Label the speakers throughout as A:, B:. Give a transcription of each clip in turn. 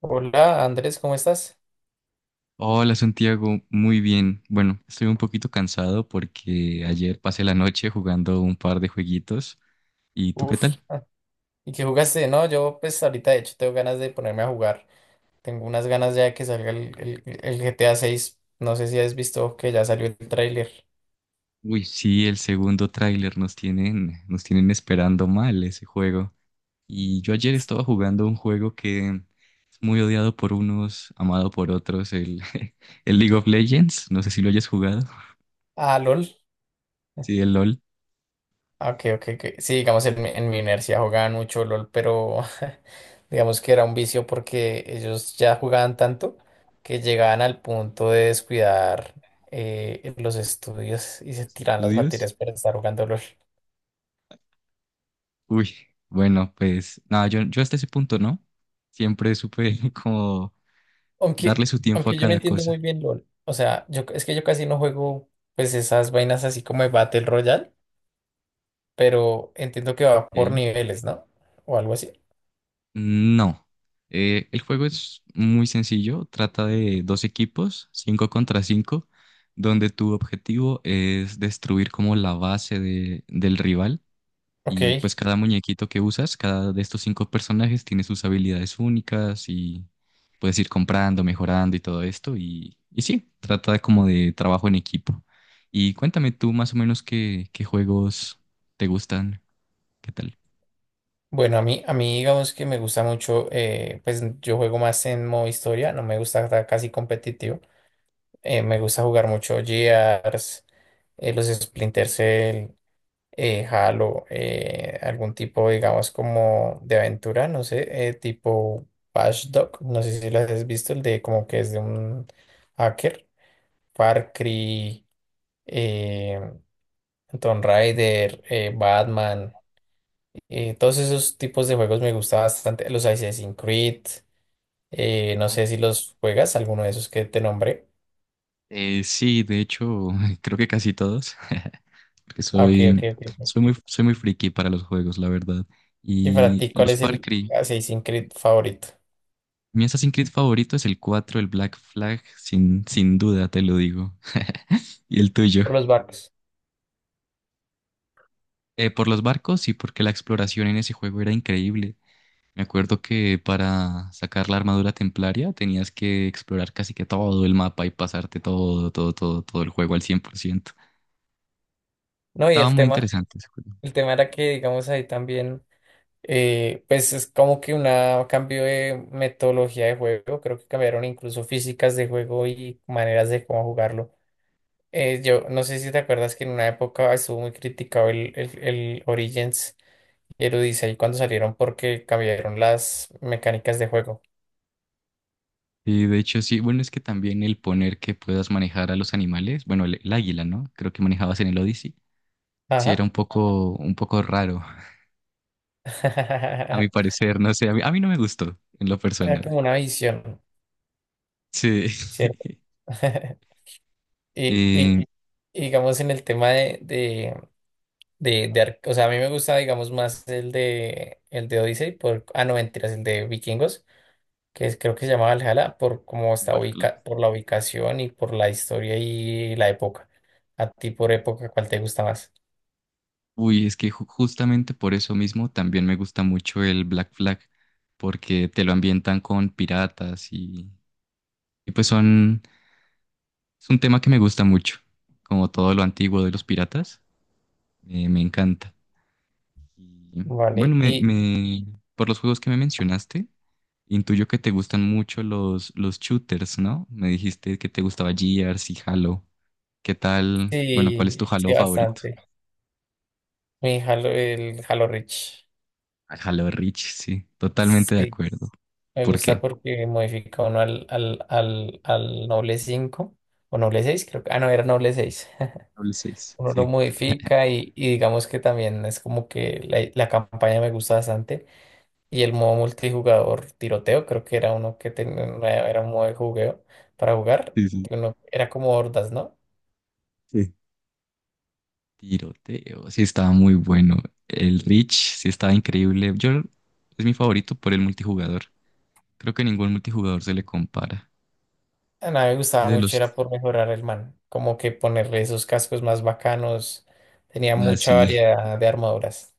A: Hola Andrés, ¿cómo estás?
B: Hola Santiago, muy bien. Bueno, estoy un poquito cansado porque ayer pasé la noche jugando un par de jueguitos. ¿Y tú qué
A: Uf,
B: tal?
A: ¿y qué jugaste? No, yo pues ahorita de hecho tengo ganas de ponerme a jugar. Tengo unas ganas ya de que salga el GTA 6. No sé si has visto que ya salió el tráiler.
B: Uy, sí, el segundo tráiler nos tienen esperando mal ese juego. Y yo ayer estaba jugando un juego que es muy odiado por unos, amado por otros, el League of Legends. No sé si lo hayas jugado.
A: Ah, LOL.
B: Sí, el LOL,
A: Ah, ok, ok, ok. Sí, digamos en mi universidad jugaban mucho LOL, pero digamos que era un vicio porque ellos ya jugaban tanto que llegaban al punto de descuidar los estudios y se
B: los
A: tiraban las
B: estudios.
A: materias para estar jugando LOL.
B: Uy, bueno, pues nada, yo hasta ese punto, ¿no? Siempre supe como darle
A: Aunque,
B: su tiempo a
A: aunque yo no
B: cada
A: entiendo
B: cosa.
A: muy bien LOL. O sea, yo es que yo casi no juego pues esas vainas así como de Battle Royale, pero entiendo que va por
B: ¿Ok?
A: niveles, ¿no? O algo así.
B: No. El juego es muy sencillo. Trata de dos equipos, cinco contra cinco, donde tu objetivo es destruir como la base del rival. Y
A: Ok.
B: pues cada muñequito que usas, cada de estos cinco personajes tiene sus habilidades únicas y puedes ir comprando, mejorando y todo esto. Y sí, trata como de trabajo en equipo. Y cuéntame tú más o menos qué juegos te gustan, ¿qué tal?
A: Bueno, a mí digamos que me gusta mucho, pues yo juego más en modo historia, no me gusta estar casi competitivo. Me gusta jugar mucho Gears, los Splinter Cell, Halo, algún tipo, digamos, como de aventura, no sé, tipo Watch Dogs, no sé si lo has visto, el de como que es de un hacker, Far Cry, eh, Tomb Raider, Batman, todos esos tipos de juegos me gusta bastante, los Assassin's Creed, no sé si los juegas, alguno de esos que te nombré.
B: Sí, de hecho, creo que casi todos, porque
A: Ah, ok, ok,
B: soy,
A: ok.
B: soy muy, soy muy friki para los juegos, la verdad.
A: ¿Y para
B: Y
A: ti cuál
B: los
A: es
B: Far
A: el
B: Cry,
A: Assassin's Creed favorito?
B: mi Assassin's Creed favorito es el 4, el Black Flag, sin duda te lo digo. Y el tuyo.
A: Por los barcos.
B: Por los barcos y porque la exploración en ese juego era increíble. Me acuerdo que para sacar la armadura templaria tenías que explorar casi que todo el mapa y pasarte todo, todo, todo, todo el juego al 100%.
A: No, y
B: Estaba
A: el
B: muy
A: tema,
B: interesante ese juego.
A: el tema era que, digamos, ahí también, pues es como que un cambio de metodología de juego, creo que cambiaron incluso físicas de juego y maneras de cómo jugarlo. Yo no sé si te acuerdas que en una época estuvo muy criticado el Origins y el Odyssey cuando salieron porque cambiaron las mecánicas de juego.
B: Y de hecho sí, bueno, es que también el poner que puedas manejar a los animales, bueno, el águila, ¿no? Creo que manejabas en el Odyssey, sí era
A: Ajá.
B: un poco raro, a mi parecer, no sé, a mí no me gustó en lo
A: Era
B: personal.
A: como una visión,
B: Sí.
A: ¿cierto? Y, y,
B: Eh,
A: y digamos en el tema de, o sea, a mí me gusta, digamos, más el de Odyssey, por, ah, no, mentiras, el de Vikingos, creo que se llamaba Valhalla, por cómo está
B: Valhalla.
A: ubica, por la ubicación y por la historia y la época. A ti por época, ¿cuál te gusta más?
B: Uy, es que justamente por eso mismo también me gusta mucho el Black Flag, porque te lo ambientan con piratas y pues son, es un tema que me gusta mucho, como todo lo antiguo de los piratas, me encanta. Y bueno,
A: Vale, y
B: por los juegos que me mencionaste, intuyo que te gustan mucho los shooters, ¿no? Me dijiste que te gustaba Gears y Halo. ¿Qué tal? Bueno, ¿cuál es tu
A: sí,
B: Halo
A: sí,
B: favorito?
A: bastante. Mi Halo, el Halo Reach.
B: Ah, Halo Reach, sí, totalmente de
A: Sí,
B: acuerdo.
A: me
B: ¿Por
A: gusta
B: qué?
A: porque modifica uno al Noble cinco o Noble seis creo que, ah, no, era Noble seis.
B: Halo 6.
A: Uno lo
B: Sí,
A: modifica y digamos que también es como que la campaña me gusta bastante y el modo multijugador tiroteo creo que era uno que tenía era un modo de jugueo para jugar
B: sí, sí,
A: que uno era como hordas, ¿no?
B: sí. Tiroteo, sí estaba muy bueno. El Reach, sí estaba increíble. Yo es mi favorito por el multijugador. Creo que ningún multijugador se le compara.
A: A mí me
B: Y
A: gustaba
B: de
A: mucho
B: los...
A: era por mejorar el man como que ponerle esos cascos más bacanos, tenía
B: Ah,
A: mucha
B: sí.
A: variedad de armaduras.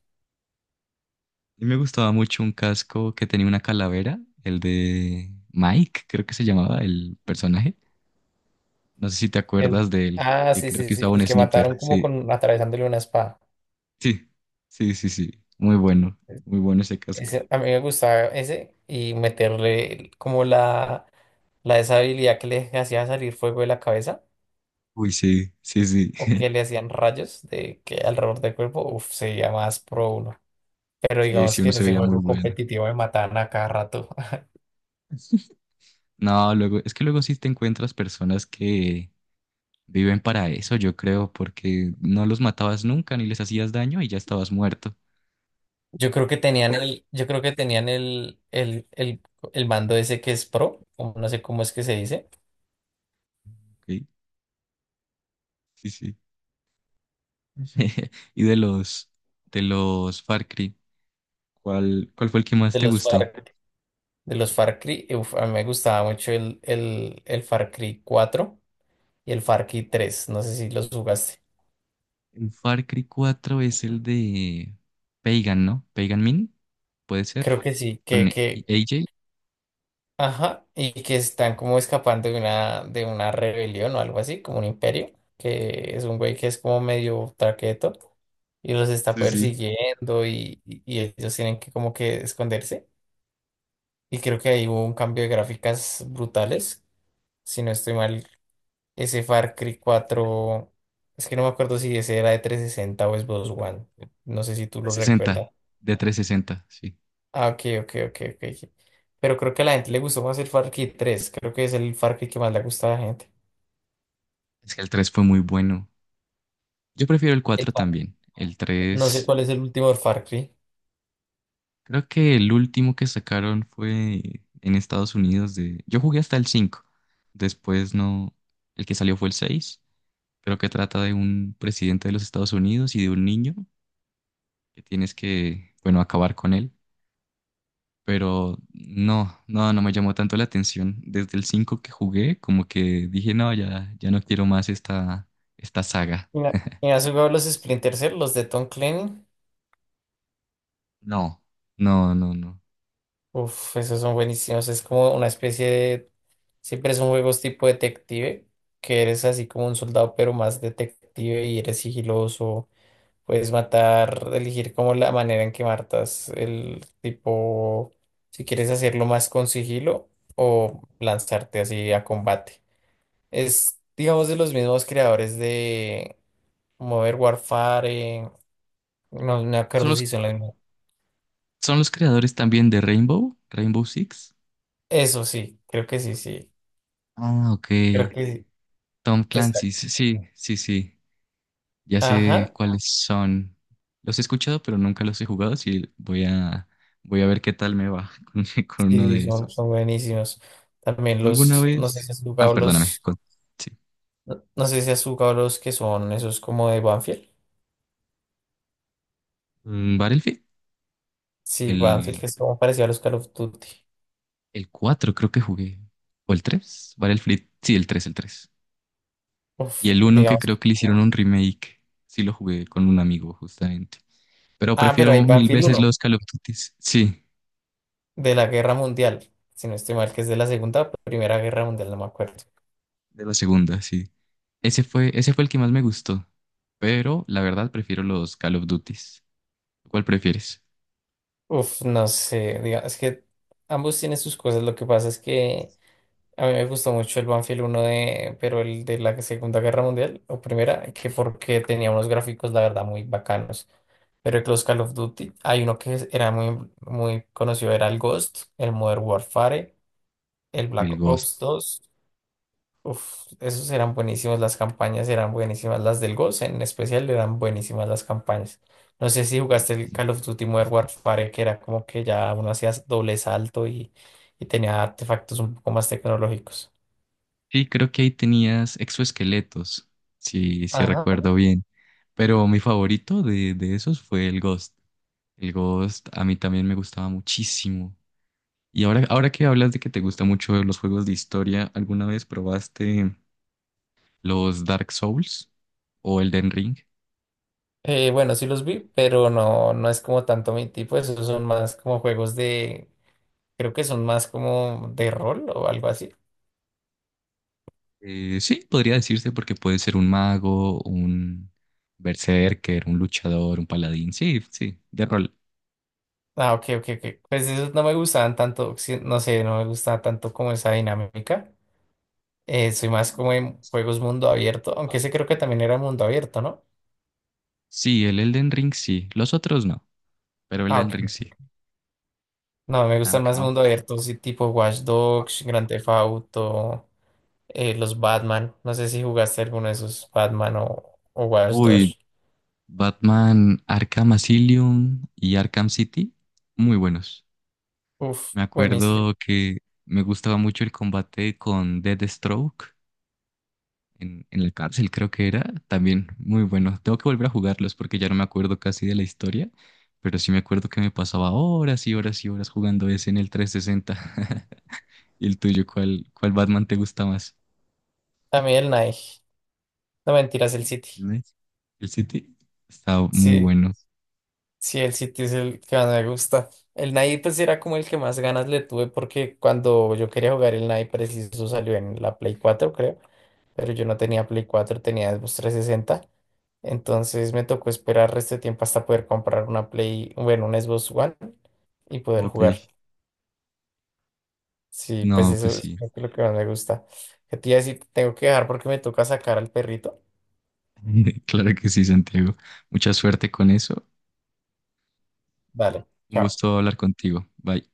B: Y me gustaba mucho un casco que tenía una calavera, el de Mike, creo que se llamaba el personaje. No sé si te
A: el,
B: acuerdas de él,
A: ah,
B: que
A: sí,
B: creo
A: sí,
B: que
A: sí,
B: usaba un
A: el que
B: sniper.
A: mataron como
B: Sí,
A: con atravesándole una espada,
B: sí, sí, sí, sí. Muy bueno, muy bueno ese casco.
A: ese, a mí me gustaba ese y meterle como la de esa habilidad que le hacía salir fuego de la cabeza
B: Uy, sí, sí, sí.
A: o que le hacían rayos de que alrededor del cuerpo, uff, sería más pro uno. Pero
B: Sí,
A: digamos
B: sí,
A: que
B: uno
A: en
B: se
A: ese
B: veía muy
A: juego
B: bueno.
A: competitivo me mataban a cada rato.
B: No, luego, es que luego sí te encuentras personas que viven para eso, yo creo, porque no los matabas nunca ni les hacías daño y ya estabas muerto.
A: Yo creo que tenían el mando ese que es pro, como- no sé cómo es que se dice,
B: Ok, sí, sí. Y de los Far Cry. ¿Cuál fue el que más
A: de
B: te
A: los
B: gustó?
A: Far, de los Far Cry. Uf, a mí me gustaba mucho el Far Cry cuatro y el Far Cry tres. No sé si los jugaste.
B: El Far Cry 4 es el de Pagan, ¿no? Pagan Min, puede ser.
A: Creo que sí,
B: Con AJ.
A: ajá, y que están como escapando de una rebelión o algo así, como un imperio, que es un güey que es como medio traqueto y los está
B: Sí, sí.
A: persiguiendo y ellos tienen que como que esconderse. Y creo que ahí hubo un cambio de gráficas brutales. Si no estoy mal, ese Far Cry cuatro, es que no me acuerdo si ese era de 360 o Xbox One, no sé si tú lo
B: 360,
A: recuerdas.
B: de 360, sí.
A: Ah, ok, ok, ok, ok, ok. Pero creo que a la gente le gustó más el Far Cry tres, creo que es el Far Cry que más le gusta a la gente.
B: Es que el tres fue muy bueno. Yo prefiero el cuatro
A: Cry.
B: también. El
A: No sé
B: 3,
A: cuál es el último de Far Cry.
B: creo que el último que sacaron fue en Estados Unidos de... Yo jugué hasta el 5. Después no... El que salió fue el seis, pero que trata de un presidente de los Estados Unidos y de un niño que tienes que, bueno, acabar con él. Pero no, no, no me llamó tanto la atención. Desde el 5 que jugué, como que dije, no, ya no quiero más esta saga.
A: Mira, ¿y has jugado los Splinter Cell, los de Tom Clancy?
B: No, no, no, no.
A: Uf, esos son buenísimos. Es como una especie de... Siempre son juegos tipo detective, que eres así como un soldado, pero más detective y eres sigiloso. Puedes matar, elegir como la manera en que matas el tipo, si quieres hacerlo más con sigilo o lanzarte así a combate. Es, digamos, de los mismos creadores de Modern Warfare. No, no me
B: Son
A: acuerdo si
B: los,
A: son las mismas.
B: son los creadores también de Rainbow Six.
A: Eso sí, creo que sí, sí.
B: Ah, ok.
A: Creo que sí.
B: Tom Clancy,
A: Exacto.
B: sí, sí, sí, sí. Ya sé
A: Ajá.
B: cuáles son. Los he escuchado, pero nunca los he jugado, así voy a ver qué tal me va con uno
A: Sí,
B: de
A: son,
B: esos.
A: son buenísimos. También
B: ¿Tú alguna
A: los, no sé
B: vez?
A: si has
B: Ah,
A: jugado
B: perdóname.
A: los,
B: Sí.
A: no, no sé si has jugado los que son esos como de Banfield.
B: Mm, Battlefield.
A: Sí, Banfield, que
B: El,
A: es como parecido a los Call of Duty.
B: el 4 creo que jugué. ¿O el 3? Battlefield. Sí, el tres. Y
A: Uf,
B: el uno que
A: digamos.
B: creo que le hicieron un remake. Sí, lo jugué con un amigo, justamente. Pero
A: Ah, pero hay
B: prefiero mil
A: Banfield
B: veces
A: uno
B: los Call of Duty. Sí,
A: de la Guerra Mundial. Si no estoy mal, que es de la Segunda, Primera Guerra Mundial, no me acuerdo.
B: de la segunda, sí. Ese fue el que más me gustó. Pero la verdad prefiero los Call of Duty. ¿Cuál prefieres?
A: Uf, no sé, es que ambos tienen sus cosas. Lo que pasa es que a mí me gustó mucho el Banfield uno de, pero el de la Segunda Guerra Mundial o Primera, que porque tenía unos gráficos, la verdad, muy bacanos. Pero el Close Call of Duty, hay uno era muy, muy conocido, era el Ghost, el Modern Warfare, el
B: Y
A: Black
B: el Ghost.
A: Ops dos. Uf, esos eran buenísimos, las campañas eran buenísimas, las del Ghost en especial eran buenísimas las campañas. No sé si
B: Uy,
A: jugaste el
B: sí.
A: Call of Duty Modern Warfare, que era como que ya uno hacía doble salto y tenía artefactos un poco más tecnológicos.
B: Sí, creo que ahí tenías exoesqueletos. Sí, sí recuerdo bien. Pero mi favorito de esos fue el Ghost. El Ghost a mí también me gustaba muchísimo. Y ahora que hablas de que te gustan mucho los juegos de historia, ¿alguna vez probaste los Dark Souls o el Den Ring?
A: Bueno, sí los vi, pero no, no es como tanto mi tipo, esos son más como juegos de, creo que son más como de rol o algo así.
B: Sí, podría decirse porque puede ser un mago, un berserker, un luchador, un paladín. Sí, sí, de rol.
A: Ah, ok, ok, ok. Pues esos no me gustaban tanto, sí, no sé, no me gustaba tanto como esa dinámica. Soy más como en juegos mundo abierto, aunque ese creo que también era mundo abierto, ¿no?
B: Sí, el Elden Ring sí. Los otros no, pero el
A: Ah,
B: Elden
A: ok.
B: Ring sí.
A: No, me
B: Ah,
A: gustan
B: ok.
A: más
B: Ah.
A: mundo abierto, sí, tipo Watch Dogs, Grand Theft Auto, los Batman. No sé si jugaste alguno de esos Batman o Watch
B: Uy,
A: Dogs.
B: Batman Arkham Asylum y Arkham City, muy buenos.
A: Uf,
B: Me
A: buenísimo.
B: acuerdo que me gustaba mucho el combate con Deathstroke en la cárcel, creo que era, también muy bueno. Tengo que volver a jugarlos porque ya no me acuerdo casi de la historia, pero sí me acuerdo que me pasaba horas y horas y horas jugando ese en el 360. ¿Y el tuyo, cuál Batman te gusta más?
A: A mí el Nike. No mentiras, el City.
B: ¿Ves? ¿El City? Está muy
A: Sí,
B: bueno.
A: sí, el City es el que más me gusta. El Nike pues era como el que más ganas le tuve porque cuando yo quería jugar el Nike preciso salió en la Play cuatro, creo. Pero yo no tenía Play cuatro, tenía Xbox 360. Entonces me tocó esperar resto de tiempo hasta poder comprar una Play, bueno, un Xbox One y poder
B: Ok.
A: jugar. Sí, pues
B: No, pues
A: eso es
B: sí.
A: lo que más me gusta. Que te iba a decir, tengo que dejar porque me toca sacar al perrito.
B: Claro que sí, Santiago. Mucha suerte con eso.
A: Dale,
B: Un
A: chao.
B: gusto hablar contigo. Bye.